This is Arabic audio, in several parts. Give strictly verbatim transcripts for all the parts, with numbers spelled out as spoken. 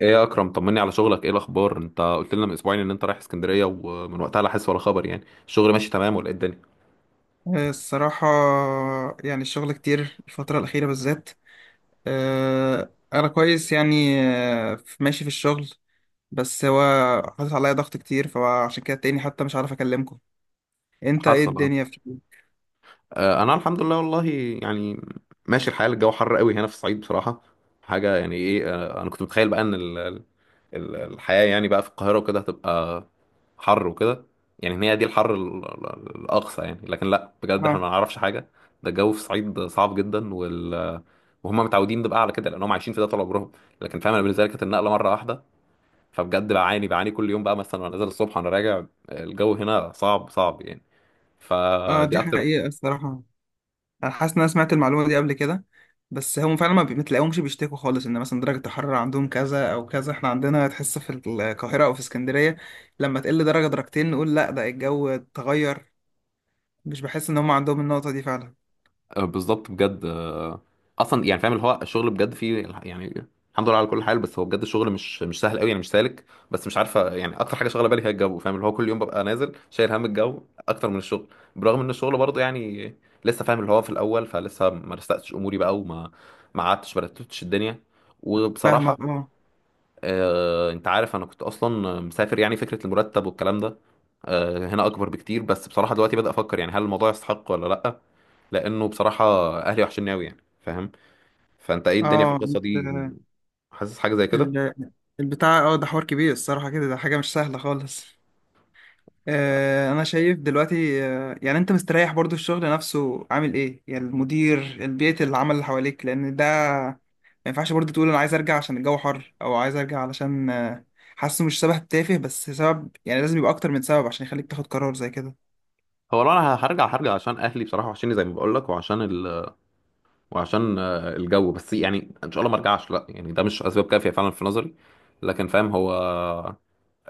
ايه يا اكرم، طمني على شغلك، ايه الاخبار؟ انت قلت لنا من اسبوعين ان انت رايح اسكندريه ومن وقتها لا حس ولا خبر. يعني الشغل ماشي تمام ولا ايه الدنيا؟ آه، الصراحة يعني الشغل كتير الفترة الأخيرة بالذات. آه، أنا كويس يعني آه، في- ماشي في الشغل. بس هو حاطط عليا ضغط كتير، فعشان كده تاني حتى مش عارف أكلمكم. أنت إيه حصل اه. الدنيا في؟ آه، انا الحمد لله والله، يعني ماشي الحال. الجو حر قوي هنا في الصعيد بصراحه حاجه، يعني ايه آه، انا كنت متخيل بقى ان ال- ال- ال- الحياه يعني بقى في القاهره وكده هتبقى حر وكده. يعني ان هي دي الحر ال- ال- الاقصى يعني، لكن لا بجد احنا آه. ما نعرفش حاجه. ده الجو في الصعيد صعب جدا، وال وهم متعودين ده بقى على كده لانهم عايشين في ده طول عمرهم، لكن فاهم انا بالنسبه لي كانت النقله مره واحده. فبجد بعاني بعاني كل يوم بقى مثلا، وانا نازل الصبح وانا راجع الجو هنا صعب صعب يعني، آه، فدي دي اكتر. حقيقة الصراحة. أنا حاسس إن أنا سمعت المعلومة دي قبل كده، بس هم فعلا ما بتلاقيهمش بيشتكوا خالص إن مثلا درجة الحرارة عندهم كذا أو كذا. إحنا عندنا تحس في القاهرة أو في اسكندرية لما تقل درجة درجتين نقول لأ ده الجو اتغير. مش بحس إن هم عندهم النقطة دي فعلا. آه، بالظبط بجد، آه، اصلا يعني فاهم اللي هو الشغل بجد فيه الح- يعني الحمد لله على كل حال. بس هو بجد الشغل مش مش سهل قوي يعني، مش سالك، بس مش عارفه يعني. اكتر حاجه شغاله بالي هي الجو. فاهم اللي هو كل يوم ببقى نازل شايل هم الجو اكتر من الشغل، برغم ان الشغل برضه يعني لسه. فاهم اللي هو في الاول، فلسه ما رستقتش اموري بقى، وما ما قعدتش، ما رتبتش الدنيا وبصراحه. فاهمك، اه. آه، انت عارف انا كنت اصلا مسافر يعني، فكره المرتب والكلام ده آه، هنا اكبر بكتير، بس بصراحه دلوقتي بدأ افكر يعني هل الموضوع يستحق ولا لا، لانه بصراحه اهلي وحشني قوي يعني فاهم. فانت ايه الدنيا في اه القصه دي؟ انت- حاسس حاجه زي كده. ال- البتاع، اه، ده حوار كبير الصراحة كده، ده حاجة مش سهلة خالص. آه، انا شايف دلوقتي، آه، يعني انت مستريح؟ برضو الشغل نفسه عامل ايه يعني؟ المدير، البيئة، العمل اللي حواليك، لان ده ما ينفعش برضو تقول انا عايز ارجع عشان الجو حر، او عايز ارجع علشان آه، حاسه. مش سبب تافه بس سبب، يعني لازم يبقى اكتر من سبب عشان يخليك تاخد قرار زي كده. هو لو انا هرجع هرجع عشان اهلي بصراحه، وحشني زي ما بقول لك، وعشان ال... وعشان آه، الجو، بس يعني ان شاء الله ما ارجعش لا، يعني ده مش اسباب كافيه فعلا في نظري، لكن فاهم هو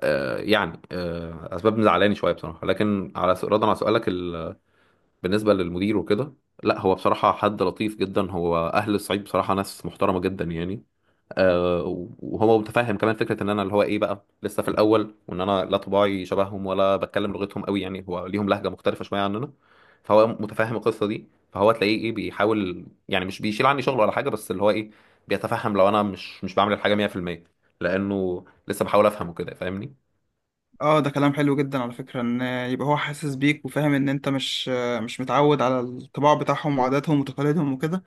آه، يعني آه، اسباب مزعلاني شويه بصراحه. لكن على س- ردا على سؤالك، ال... بالنسبة للمدير وكده، لا هو بصراحة حد لطيف جدا. هو أهل الصعيد بصراحة ناس محترمة جدا يعني. آه. وهو متفهم كمان فكرة إن أنا اللي هو إيه بقى لسه في الأول، وإن أنا لا طباعي شبههم ولا بتكلم لغتهم قوي يعني، هو ليهم لهجة مختلفة شوية عننا. فهو متفهم القصة دي، فهو تلاقيه إيه بيحاول يعني، مش بيشيل عني شغل ولا حاجة، بس اللي هو إيه بيتفهم لو أنا مش مش بعمل الحاجة مية في المية، لأنه لسه بحاول أفهم وكده فاهمني. اه، ده كلام حلو جدا على فكرة، ان يبقى هو حاسس بيك وفاهم ان انت مش آه، مش متعود على الطباع بتاعهم وعاداتهم وتقاليدهم وكده.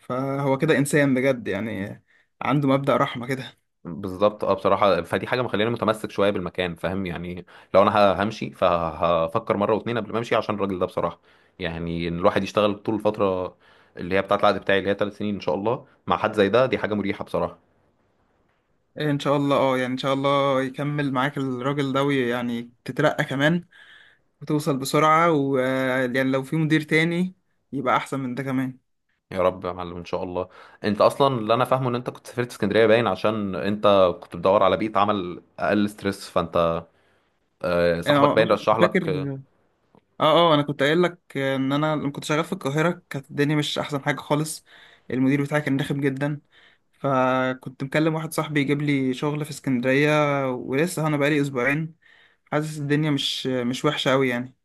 فهو كده إنسان بجد يعني، عنده مبدأ رحمة كده. بالظبط اه، بصراحة فدي حاجة مخليني متمسك شوية بالمكان فاهم يعني. لو انا ه- همشي، فهفكر مرة واتنين قبل ما امشي عشان الراجل ده بصراحة. يعني ان الواحد يشتغل طول الفترة اللي هي بتاعة العقد بتاعي اللي هي ثلاث سنين ان شاء الله مع حد زي ده، دي حاجة مريحة بصراحة. إيه إن شاء الله، أه، يعني إن شاء الله يكمل معاك الراجل ده، ويعني تترقى كمان وتوصل بسرعة، ويعني لو في مدير تاني يبقى أحسن من ده كمان. يا رب يا معلم ان شاء الله. انت اصلا اللي انا فاهمه ان انت كنت سافرت اسكندرية باين عشان انت كنت بتدور على بيئة عمل اقل ستريس، فانت آه، صاحبك أنا أنا باين رشح كنت فاكر، لك. أه أه، أنا كنت قايل لك إن أنا لما كنت شغال في القاهرة كانت الدنيا مش أحسن حاجة خالص. المدير بتاعي كان رخم جدا، فكنت مكلم واحد صاحبي يجيب لي شغل في اسكندرية، ولسه أنا بقالي أسبوعين حاسس الدنيا مش مش وحشة أوي يعني.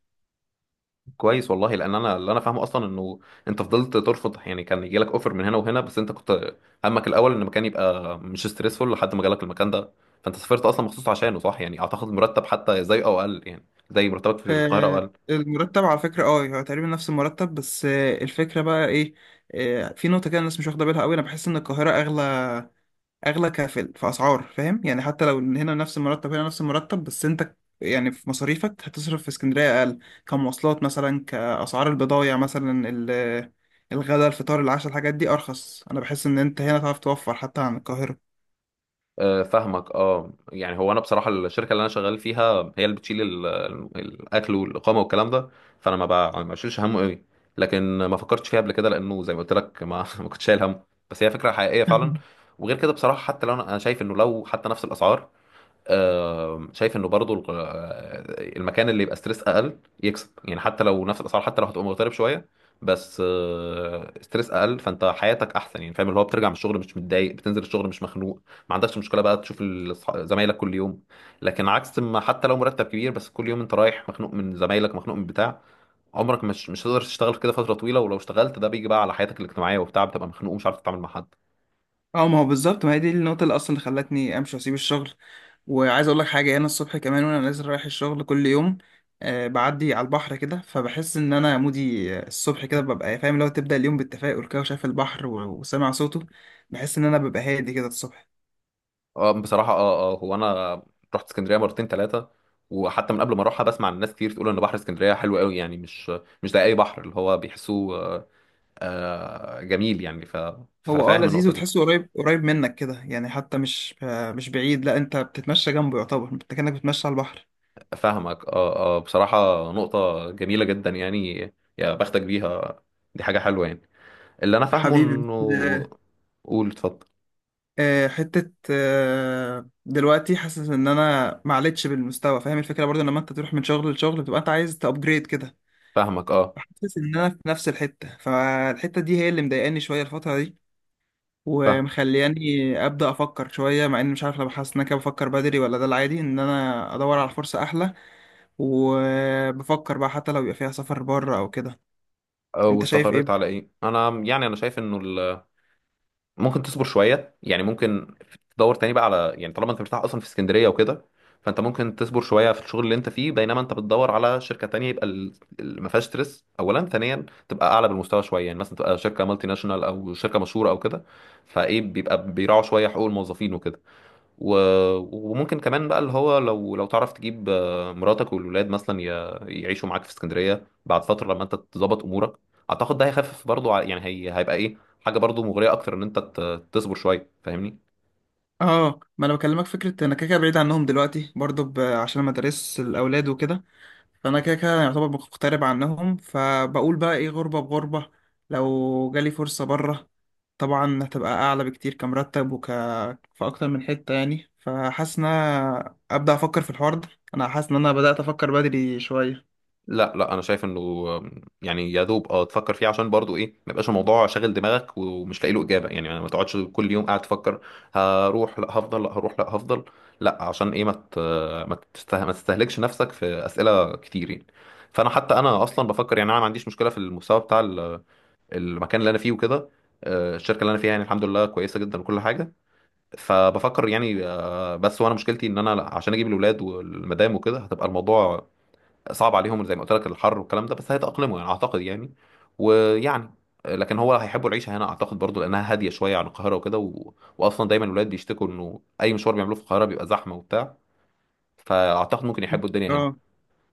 كويس والله، لان انا اللي انا فاهمه اصلا انه انت فضلت ترفض يعني، كان يجي لك اوفر من هنا وهنا، بس انت كنت همك الاول ان المكان يبقى مش ستريسفول لحد ما جالك المكان ده، فانت سافرت اصلا مخصوص عشانه صح يعني. اعتقد مرتب حتى زي او اقل يعني، زي مرتبك في القاهره او آه، اقل. المرتب على فكرة، اه، هو تقريبا نفس المرتب، بس آه، الفكرة بقى ايه؟ آه، في نقطة كده الناس مش واخدة بالها قوي. انا بحس ان القاهرة اغلى، اغلى كفل في اسعار، فاهم يعني؟ حتى لو إن هنا نفس المرتب، هنا نفس المرتب بس انت يعني في مصاريفك هتصرف في اسكندرية اقل. كمواصلات مثلا، كاسعار البضايع مثلا، ال- الغداء الفطار العشاء، الحاجات دي ارخص. انا بحس ان انت هنا تعرف توفر حتى عن القاهرة. آه، فاهمك اه، يعني هو انا بصراحه الشركه اللي انا شغال فيها هي اللي بتشيل ال- ال- الاكل والاقامه والكلام ده، فانا ما بع- ما بشيلش همه قوي، لكن ما فكرتش فيها قبل كده، لانه زي ما قلت لك ما ما كنتش شايل همه. بس هي فكره حقيقيه فعلا. وغير كده بصراحه، حتى لو انا أنا شايف انه لو حتى نفس الاسعار، آه، شايف انه برضو الق- آه، المكان اللي يبقى ستريس اقل يكسب يعني، حتى لو نفس الاسعار، حتى لو هتبقى مغترب شويه، بس آه، ستريس اقل، فانت حياتك احسن يعني. فاهم اللي هو بترجع من الشغل مش متضايق، بتنزل الشغل مش مخنوق، ما عندكش مشكله بقى تشوف ال- أصح- زمايلك كل يوم. لكن عكس ما، حتى لو مرتب كبير، بس كل يوم انت رايح مخنوق من زمايلك، مخنوق من بتاع، عمرك مش مش هتقدر تشتغل كده فتره طويله. ولو اشتغلت ده بيجي بقى على حياتك الاجتماعيه وبتاع، بتبقى مخنوق ومش عارف تتعامل مع حد. اه، ما هو بالظبط، ما هي دي النقطة اللي أصلا اللي خلتني أمشي وأسيب الشغل. وعايز أقول لك حاجة، أنا الصبح كمان وأنا نازل رايح الشغل كل يوم، آه، بعدي على البحر كده، فبحس إن أنا مودي. آه، الصبح كده ببقى فاهم، لو تبدأ اليوم بالتفاؤل كده وشايف البحر و- وسامع صوته، بحس إن أنا ببقى هادي كده الصبح. اه بصراحة اه اه، هو انا رحت اسكندرية مرتين ثلاثة، وحتى من قبل ما اروحها بسمع عن ناس كتير تقول ان بحر اسكندرية حلو قوي يعني، مش مش زي اي بحر. اللي هو بيحسوه آه، آه، جميل يعني. ف- هو اه ففاهم لذيذ، النقطة دي. وتحسه قريب قريب منك كده يعني، حتى مش آه، مش بعيد. لا، أنت بتتمشى جنبه، يعتبر أنت كأنك بتتمشى على البحر. فاهمك اه اه بصراحة، نقطة جميلة جدا يعني، يا بختك بيها، دي حاجة حلوة يعني. اللي انا فاهمه حبيبي. انه، قول اتفضل. آه، حتة آه، دلوقتي حاسس ان انا ما عليتش بالمستوى، فاهم الفكرة؟ برضو لما انت تروح من شغل لشغل بتبقى انت عايز تابجريد كده، فاهمك اه، فحاسس ان انا في نفس الحتة، فالحتة دي هي اللي مضايقاني شوية الفترة دي، فاهم. ومخلياني ابدا افكر شوية. مع اني مش عارف، لو حاسس ان انا كده بفكر بدري، ولا ده العادي ان انا ادور على فرصة احلى. وبفكر بقى حتى لو يبقى فيها سفر بره او كده. آه، انت شايف واستقريت ايه؟ على ايه انا يعني؟ انا شايف انه ممكن تصبر شويه يعني، ممكن تدور تاني بقى على يعني، طالما انت مرتاح اصلا في اسكندريه وكده، فانت ممكن تصبر شويه في الشغل اللي انت فيه بينما انت بتدور على شركه تانية، يبقى ال- ال- ما فيهاش ستريس اولا، ثانيا تبقى اعلى بالمستوى شويه يعني، مثلا تبقى شركه مالتي ناشونال او شركه مشهوره او كده، فايه بيبقى بيراعوا شويه حقوق الموظفين وكده. و... وممكن كمان بقى اللي هو لو لو تعرف تجيب آه، مراتك والولاد مثلا ي... يعيشوا معاك في اسكندريه بعد فتره لما انت تظبط امورك. اعتقد ده هيخفف برضو ع- يعني هي... هيبقى ايه حاجه برضو مغريه اكتر ان انت ت... تصبر شويه فاهمني. اه، ما انا بكلمك فكرة، انا كده كده بعيد عنهم دلوقتي برضو، ب- عشان مدارس الاولاد وكده، فانا كده كده يعتبر مغترب عنهم، فبقول بقى ايه، غربة بغربة. لو جالي فرصة بره، طبعا هتبقى اعلى بكتير كمرتب وك في اكتر من حتة يعني. فحاسس ان أنا ابدا افكر في الحوار ده، انا حاسس ان انا بدات افكر بدري شوية. لا لا انا شايف انه يعني يا دوب اه تفكر فيه عشان برضو ايه ما يبقاش الموضوع شاغل دماغك ومش لاقي له اجابه يعني، ما تقعدش كل يوم قاعد تفكر هروح لا هفضل لا هروح لا هفضل، لا عشان ايه ما ت- ما تسته- ما تستهلكش نفسك في اسئله كتير يعني. فانا حتى انا اصلا بفكر يعني، انا ما عنديش مشكله في المستوى بتاع ال- المكان اللي انا فيه وكده. آه، الشركه اللي انا فيها يعني الحمد لله كويسه جدا وكل حاجه. فبفكر يعني آه، بس وانا مشكلتي ان انا لا، عشان اجيب الاولاد والمدام وكده، هتبقى الموضوع صعب عليهم زي ما قلت لك، الحر والكلام ده، بس هيتأقلموا يعني اعتقد يعني ويعني. لكن هو هيحبوا العيشه هنا اعتقد برضو، لانها هاديه شويه عن القاهره وكده، و... واصلا دايما الولاد بيشتكوا انه اي مشوار بيعملوه في القاهره بيبقى زحمه وبتاع، فاعتقد ممكن يحبوا الدنيا هنا. اه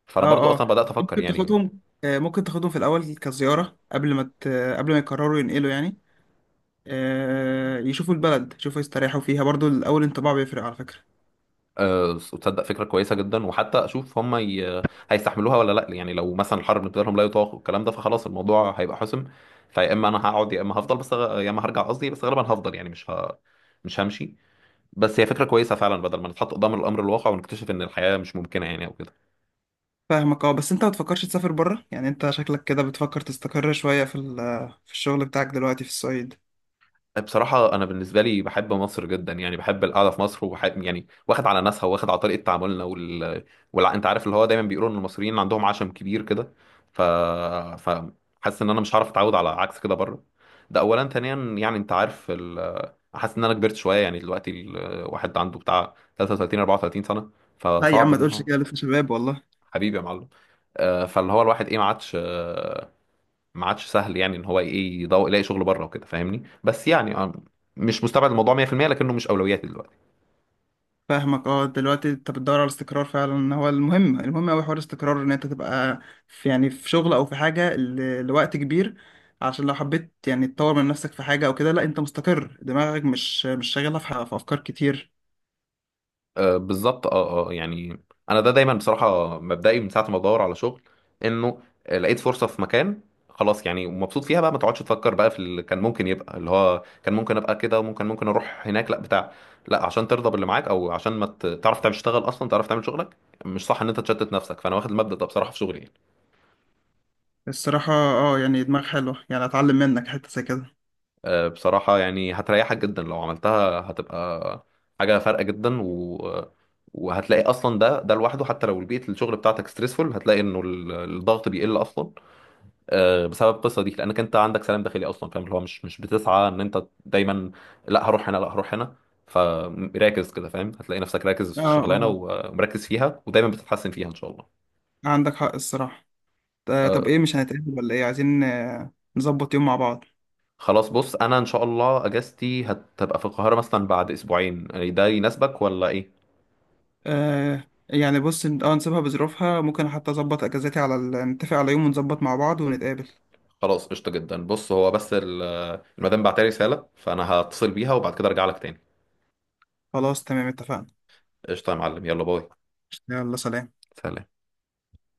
فانا برضو اه اه. اصلا بدات افكر ممكن يعني. تاخدهم، آه، ممكن تاخدهم في الاول كزيارة، قبل ما ت... قبل ما يقرروا ينقلوا يعني. آه، يشوفوا البلد، يشوفوا يستريحوا فيها برضو. الاول انطباع بيفرق على فكرة. أه، تصدق فكره كويسه جدا، وحتى اشوف هم ي... هيستحملوها ولا لا يعني. لو مثلا الحر بالنسبه لهم لا يطاق والكلام ده، فخلاص الموضوع هيبقى حسم. فيا اما انا هقعد يا اما هفضل بس غ- يا اما هرجع قصدي، بس غالبا هفضل يعني، مش ه... مش همشي. بس هي فكرة كويسة فعلا، بدل ما نتحط قدام الأمر الواقع ونكتشف إن الحياة مش ممكنة يعني، أو كده. فاهمك، اه، بس انت ما تفكرش تسافر بره يعني؟ انت شكلك كده بتفكر تستقر شوية في ال- في الشغل بتاعك دلوقتي في الصعيد. بصراحة أنا بالنسبة لي بحب مصر جدا يعني، بحب القعدة في مصر وبحب يعني، واخد على ناسها، واخد على طريقة تعاملنا وال... وال... أنت عارف اللي هو دايما بيقولوا إن المصريين عندهم عشم كبير كده، ف ف حاسس إن أنا مش هعرف أتعود على عكس كده بره. ده أولا، ثانيا يعني أنت عارف ال... حاسس إن أنا كبرت شوية يعني، دلوقتي الواحد عنده بتاع تلاتة وتلاتين اربعة وتلاتين سنة، لا يا عم فصعب ما إن هو. تقولش كده، لسه شباب والله. حبيبي يا معلم. آه، فاللي هو الواحد إيه، ما عادش ما عادش سهل يعني، ان هو ايه يدور يلاقي شغل بره وكده فاهمني. بس يعني آه، مش مستبعد الموضوع مية في المية، لكنه مش اولوياتي دلوقتي. فاهمك اه. دلوقتي انت بتدور على الاستقرار فعلا، هو المهم، المهم اوي حوار الاستقرار، ان انت تبقى في، يعني في شغل او في حاجة ل- لوقت كبير. عشان لو حبيت يعني تطور من نفسك في حاجة او كده، لا انت مستقر، دماغك مش مش شاغلها في ح- في افكار كتير. آه بالظبط اه اه يعني، انا ده دايما بصراحه مبدئي من ساعه ما بدور على شغل انه آه، لقيت فرصه في مكان خلاص يعني، ومبسوط فيها بقى ما تقعدش تفكر بقى في اللي كان ممكن يبقى، اللي هو كان ممكن ابقى كده، وممكن ممكن اروح هناك لا بتاع. لا عشان ترضى باللي معاك او عشان ما ت- تعرف تعمل تشتغل اصلا، تعرف تعمل شغلك، مش صح ان انت تشتت نفسك. فانا واخد المبدأ ده بصراحه في شغلي يعني. الصراحة، اه، يعني دماغ حلوة، يعني اتعلم منك حتة زي كده. آه، بصراحة يعني هتريحك جدا لو عملتها، هتبقى حاجة فارقة جدا و... وهتلاقي أصلا ده ده لوحده، حتى لو بيئة الشغل بتاعتك ستريسفول هتلاقي إنه ال- الضغط بيقل أصلا آه، بسبب القصة دي، لأنك أنت عندك سلام داخلي أصلا. فاهم اللي هو مش مش بتسعى إن أنت دايما لا هروح هنا لا هروح هنا، فراكز كده. فاهم هتلاقي نفسك راكز اه في الشغلانة اه، ومركز فيها، ودايما بتتحسن فيها إن شاء الله. عندك حق الصراحة. آه، طب آه، ايه، مش هنتقابل ولا ايه؟ عايزين، آه، نظبط يوم مع بعض. خلاص بص، أنا إن شاء الله أجازتي هتبقى في القاهرة مثلا بعد أسبوعين يعني، ده يناسبك ولا إيه؟ آه، يعني بص، إن- اه نسيبها بظروفها. ممكن حتى اظبط اجازتي على ال... نتفق على يوم ونظبط مع بعض ونتقابل. خلاص قشطة جدا، بص هو بس ال- المدام بعتلي رسالة، فأنا هتصل بيها وبعد كده أرجع لك تاني. خلاص تمام، اتفقنا. قشطة يا معلم، يلا باي. يلا سلام. سلام